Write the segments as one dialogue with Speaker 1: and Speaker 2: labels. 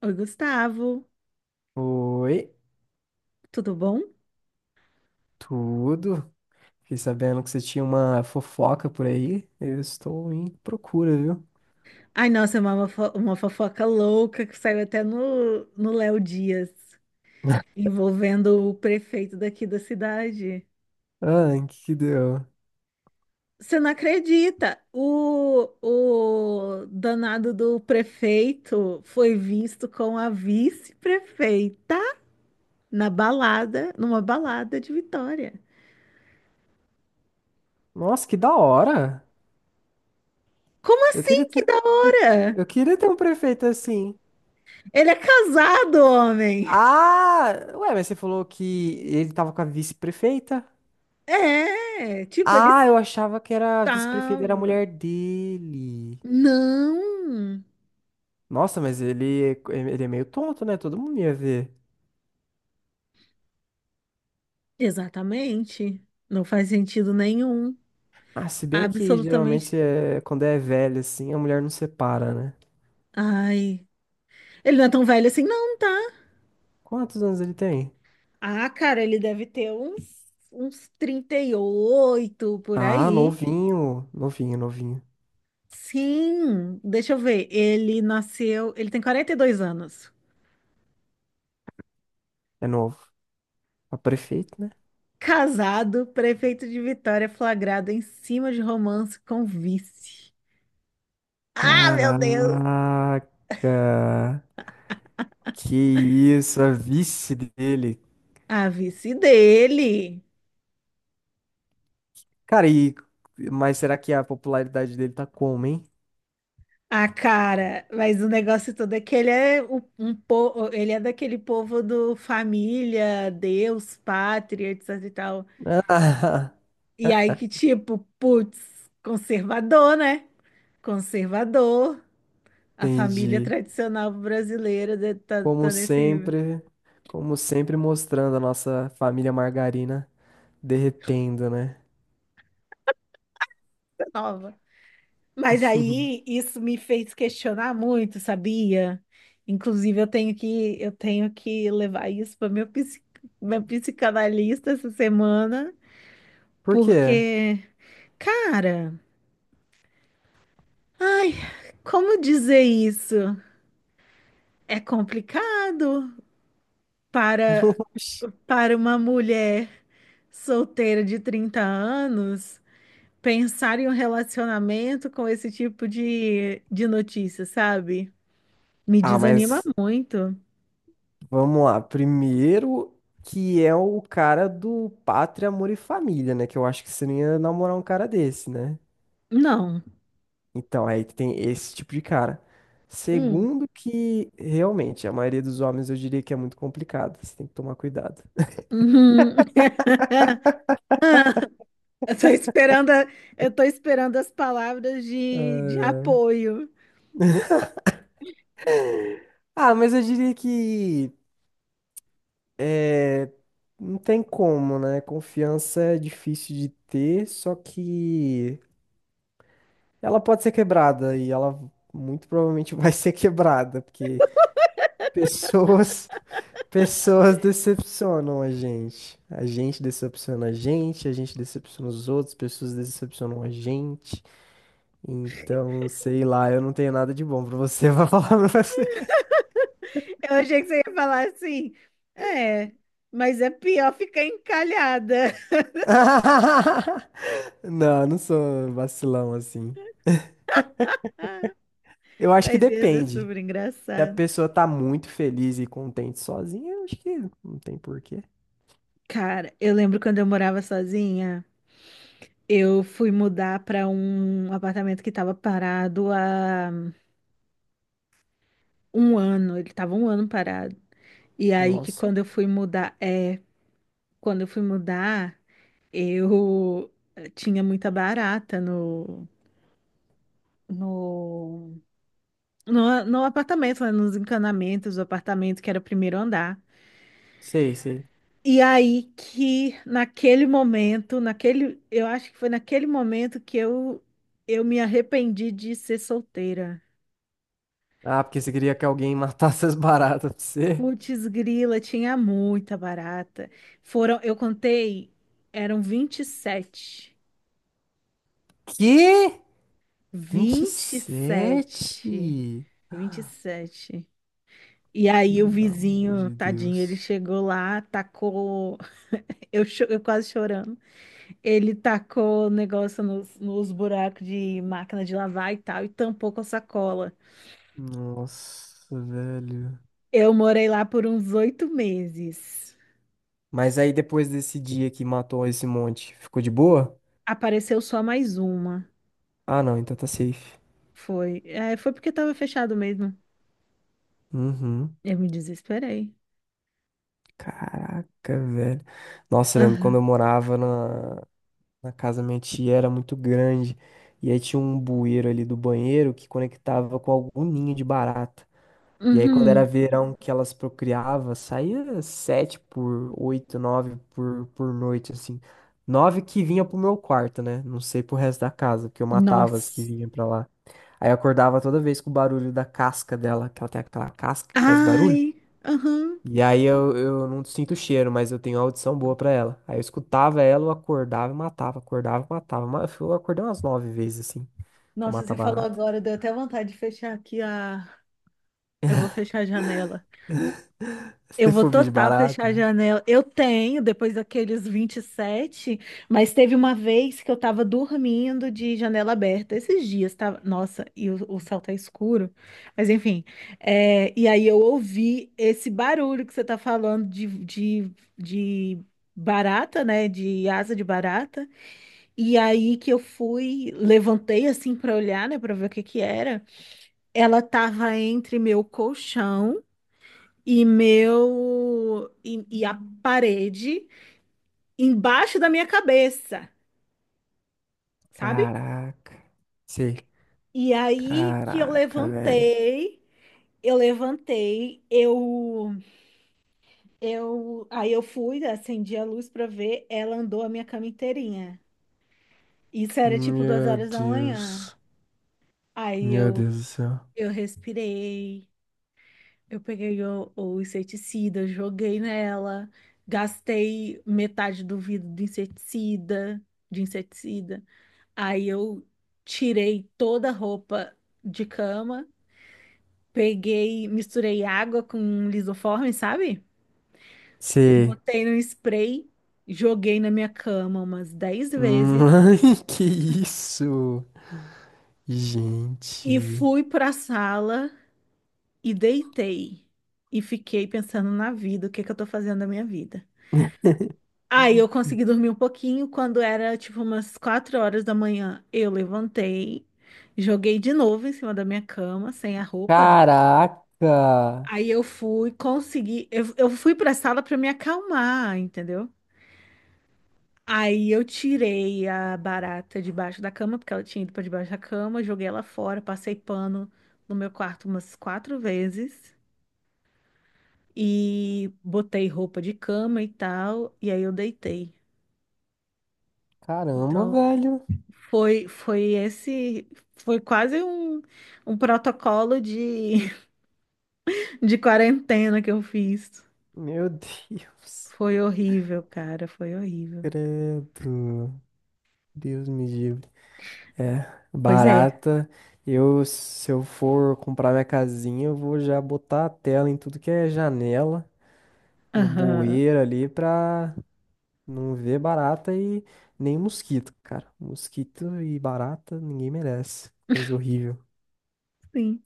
Speaker 1: Oi, Gustavo,
Speaker 2: Oi,
Speaker 1: tudo bom?
Speaker 2: tudo? Fiquei sabendo que você tinha uma fofoca por aí. Eu estou em procura, viu?
Speaker 1: Ai, nossa, é uma, uma fofoca louca que saiu até no Léo Dias, envolvendo o prefeito daqui da cidade.
Speaker 2: Ah, em que deu?
Speaker 1: Você não acredita? O danado do prefeito foi visto com a vice-prefeita na balada, numa balada de Vitória.
Speaker 2: Nossa, que da hora!
Speaker 1: Como
Speaker 2: Eu queria
Speaker 1: assim? Que
Speaker 2: ter,
Speaker 1: da
Speaker 2: eu,
Speaker 1: hora!
Speaker 2: eu queria ter um prefeito assim.
Speaker 1: Ele é casado, homem!
Speaker 2: Ah, ué, mas você falou que ele tava com a vice-prefeita?
Speaker 1: É, tipo, ele
Speaker 2: Ah, eu achava que era a vice-prefeita, era a
Speaker 1: estava.
Speaker 2: mulher dele.
Speaker 1: Não,
Speaker 2: Nossa, mas ele é meio tonto, né? Todo mundo ia ver.
Speaker 1: exatamente. Não faz sentido nenhum.
Speaker 2: Ah, se bem que
Speaker 1: Absolutamente.
Speaker 2: geralmente é, quando é velho assim, a mulher não separa, né?
Speaker 1: Ai, ele não é tão velho assim, não, tá?
Speaker 2: Quantos anos ele tem?
Speaker 1: Ah, cara, ele deve ter uns, uns 38 por
Speaker 2: Ah,
Speaker 1: aí.
Speaker 2: novinho. Novinho, novinho.
Speaker 1: Sim, deixa eu ver. Ele nasceu, ele tem 42 anos.
Speaker 2: É novo. É o prefeito, né?
Speaker 1: Casado, prefeito de Vitória, flagrado em cima de romance com vice. Ah, meu Deus!
Speaker 2: Caraca. Que isso, a vice dele.
Speaker 1: A vice dele.
Speaker 2: Cara, e... Mas será que a popularidade dele tá como, hein?
Speaker 1: Ah, cara, mas o negócio todo é que ele é o- um, po- ele é daquele povo do família, Deus, pátria, etc e tal.
Speaker 2: Ah,
Speaker 1: E aí que tipo, putz, conservador, né? Conservador, a família
Speaker 2: entendi.
Speaker 1: tradicional brasileira de- tá,
Speaker 2: Como
Speaker 1: tá nesse nível,
Speaker 2: sempre, como sempre mostrando a nossa família margarina derretendo, né?
Speaker 1: tá nova. Mas aí isso me fez questionar muito, sabia? Inclusive eu tenho que levar isso para meu psicanalista essa semana,
Speaker 2: Por quê?
Speaker 1: porque cara, ai, como dizer isso? É complicado para
Speaker 2: Oxi.
Speaker 1: para uma mulher solteira de 30 anos pensar em um relacionamento com esse tipo de notícia, sabe? Me
Speaker 2: Ah,
Speaker 1: desanima muito.
Speaker 2: vamos lá. Primeiro, que é o cara do Pátria, Amor e Família, né? Que eu acho que você não ia namorar um cara desse, né?
Speaker 1: Não.
Speaker 2: Então, aí tem esse tipo de cara.
Speaker 1: Hum.
Speaker 2: Segundo, que realmente a maioria dos homens eu diria que é muito complicado. Você tem que tomar cuidado.
Speaker 1: Uhum. Ah, Eu tô esperando, a- eu tô esperando as palavras de
Speaker 2: É.
Speaker 1: apoio.
Speaker 2: Ah, mas eu diria que não tem como, né? Confiança é difícil de ter, só que ela pode ser quebrada e ela muito provavelmente vai ser quebrada, porque pessoas, pessoas decepcionam a gente. A gente decepciona os outros, pessoas decepcionam a gente. Então, sei lá, eu não tenho nada de bom pra você, vou falar pra você.
Speaker 1: Eu achei que você ia falar assim. É, mas é pior ficar encalhada.
Speaker 2: Não, não sou vacilão assim. Eu acho que
Speaker 1: Mas ia ser
Speaker 2: depende.
Speaker 1: super
Speaker 2: Se a
Speaker 1: engraçado.
Speaker 2: pessoa tá muito feliz e contente sozinha, eu acho que não tem porquê.
Speaker 1: Cara, eu lembro quando eu morava sozinha, eu fui mudar para um apartamento que estava parado há um ano. Ele estava um ano parado. E aí que
Speaker 2: Nossa.
Speaker 1: quando eu fui mudar, é, quando eu fui mudar, eu tinha muita barata no no no apartamento, né, nos encanamentos do apartamento que era o primeiro andar.
Speaker 2: Sei, sei.
Speaker 1: E aí que naquele momento, naquele, eu acho que foi naquele momento que eu me arrependi de ser solteira.
Speaker 2: Ah, porque você queria que alguém matasse as baratas pra você?
Speaker 1: Putz, grila, tinha muita barata. Foram, eu contei, eram 27.
Speaker 2: Que? 27?
Speaker 1: 27. 27. E sete. Vinte e sete. E aí o
Speaker 2: Pelo amor
Speaker 1: vizinho,
Speaker 2: de
Speaker 1: tadinho, ele
Speaker 2: Deus.
Speaker 1: chegou lá, tacou, eu quase chorando. Ele tacou o negócio nos buracos de máquina de lavar e tal, e tampou com a sacola.
Speaker 2: Nossa, velho.
Speaker 1: Eu morei lá por uns oito meses.
Speaker 2: Mas aí depois desse dia que matou esse monte, ficou de boa?
Speaker 1: Apareceu só mais uma.
Speaker 2: Ah, não, então tá safe.
Speaker 1: Foi. É, foi porque tava fechado mesmo.
Speaker 2: Uhum.
Speaker 1: Eu me desesperei.
Speaker 2: Caraca, velho. Nossa, eu lembro quando eu
Speaker 1: Aham.
Speaker 2: morava na casa da minha tia, era muito grande. E aí tinha um bueiro ali do banheiro que conectava com algum ninho de barata. E aí, quando era
Speaker 1: Uhum.
Speaker 2: verão que elas procriavam, saía sete por oito, nove por noite, assim. Nove que vinha pro meu quarto, né? Não sei pro resto da casa, porque eu matava as que
Speaker 1: Nossa.
Speaker 2: vinham pra lá. Aí eu acordava toda vez com o barulho da casca dela, que ela tem aquela casca que faz barulho.
Speaker 1: Ai. Aham.
Speaker 2: E aí eu não sinto o cheiro, mas eu tenho audição boa pra ela. Aí eu escutava ela, eu acordava e matava, acordava e matava. Eu acordei umas nove vezes, assim, pra
Speaker 1: Nossa,
Speaker 2: matar
Speaker 1: você falou
Speaker 2: barata.
Speaker 1: agora, deu até vontade de fechar aqui a. Eu vou fechar a janela.
Speaker 2: Você
Speaker 1: Eu
Speaker 2: tem
Speaker 1: vou
Speaker 2: fobia de
Speaker 1: total
Speaker 2: barata?
Speaker 1: fechar a
Speaker 2: Né?
Speaker 1: janela. Eu tenho, depois daqueles 27, mas teve uma vez que eu tava dormindo de janela aberta. Esses dias tava. Nossa, e o céu tá escuro. Mas enfim. É, e aí eu ouvi esse barulho que você tá falando de barata, né? De asa de barata. E aí que eu fui, levantei assim pra olhar, né? Pra ver o que que era. Ela tava entre meu colchão e a parede embaixo da minha cabeça, sabe?
Speaker 2: Caraca. Sim.
Speaker 1: E aí que eu
Speaker 2: Caraca, velho.
Speaker 1: levantei, eu levantei, eu eu aí eu fui, acendi a luz pra ver, ela andou a minha cama inteirinha. Isso era tipo duas
Speaker 2: Meu
Speaker 1: horas da manhã.
Speaker 2: Deus.
Speaker 1: Aí
Speaker 2: Meu Deus do céu.
Speaker 1: eu respirei, eu peguei o inseticida, eu joguei nela, gastei metade do vidro do inseticida, de inseticida. Aí eu tirei toda a roupa de cama, peguei, misturei água com um lisoforme, sabe?
Speaker 2: Você.
Speaker 1: Botei no spray, joguei na minha cama umas 10 vezes
Speaker 2: Mãe, que isso? Gente.
Speaker 1: e fui pra sala e deitei. E fiquei pensando na vida, o que que eu tô fazendo da minha vida. Aí eu consegui dormir um pouquinho, quando era tipo umas 4 horas da manhã, eu levantei, joguei de novo em cima da minha cama, sem a roupa.
Speaker 2: Caraca!
Speaker 1: Aí eu fui conseguir, eu fui pra sala pra me acalmar, entendeu? Aí eu tirei a barata debaixo da cama, porque ela tinha ido pra debaixo da cama, joguei ela fora, passei pano no meu quarto umas 4 vezes e botei roupa de cama e tal, e aí eu deitei.
Speaker 2: Caramba,
Speaker 1: Então,
Speaker 2: velho.
Speaker 1: foi foi esse foi quase um, um protocolo de, de quarentena que eu fiz.
Speaker 2: Meu Deus.
Speaker 1: Foi horrível, cara, foi horrível.
Speaker 2: Credo. Deus me livre. É,
Speaker 1: Pois é.
Speaker 2: barata. Eu, se eu for comprar minha casinha, eu vou já botar a tela em tudo que é janela, no
Speaker 1: Aham.
Speaker 2: bueiro ali, pra não vê barata e nem mosquito, cara. Mosquito e barata ninguém merece. Coisa horrível.
Speaker 1: Sim,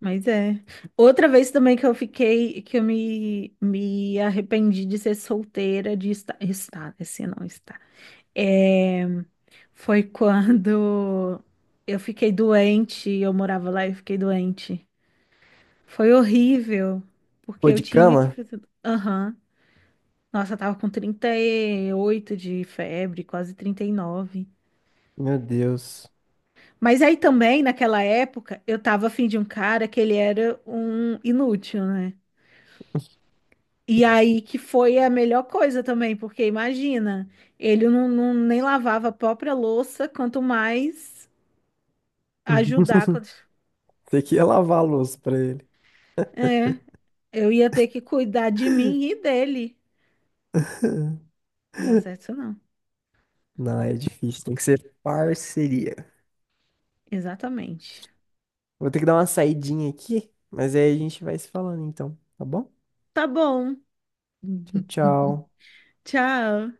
Speaker 1: mas é. Outra vez também que eu fiquei, que me arrependi de ser solteira, de estar, esse não está. É, foi quando eu fiquei doente, eu morava lá e eu fiquei doente. Foi horrível, porque
Speaker 2: Pô,
Speaker 1: eu
Speaker 2: de
Speaker 1: tinha que
Speaker 2: cama?
Speaker 1: fazer. Aham. Nossa, eu tava com 38 de febre, quase 39.
Speaker 2: Meu Deus.
Speaker 1: Mas aí também, naquela época, eu tava afim de um cara que ele era um inútil, né? E aí que foi a melhor coisa também, porque imagina, ele nem lavava a própria louça, quanto mais ajudar. Quanto-
Speaker 2: Tem que ia lavar a louça pra ele.
Speaker 1: É, eu ia ter que cuidar de mim e dele. Não dá certo isso não.
Speaker 2: Não, é difícil. Tem que ser parceria.
Speaker 1: Exatamente.
Speaker 2: Vou ter que dar uma saidinha aqui, mas aí a gente vai se falando então, tá bom?
Speaker 1: Tá bom.
Speaker 2: Tchau, tchau.
Speaker 1: Tchau.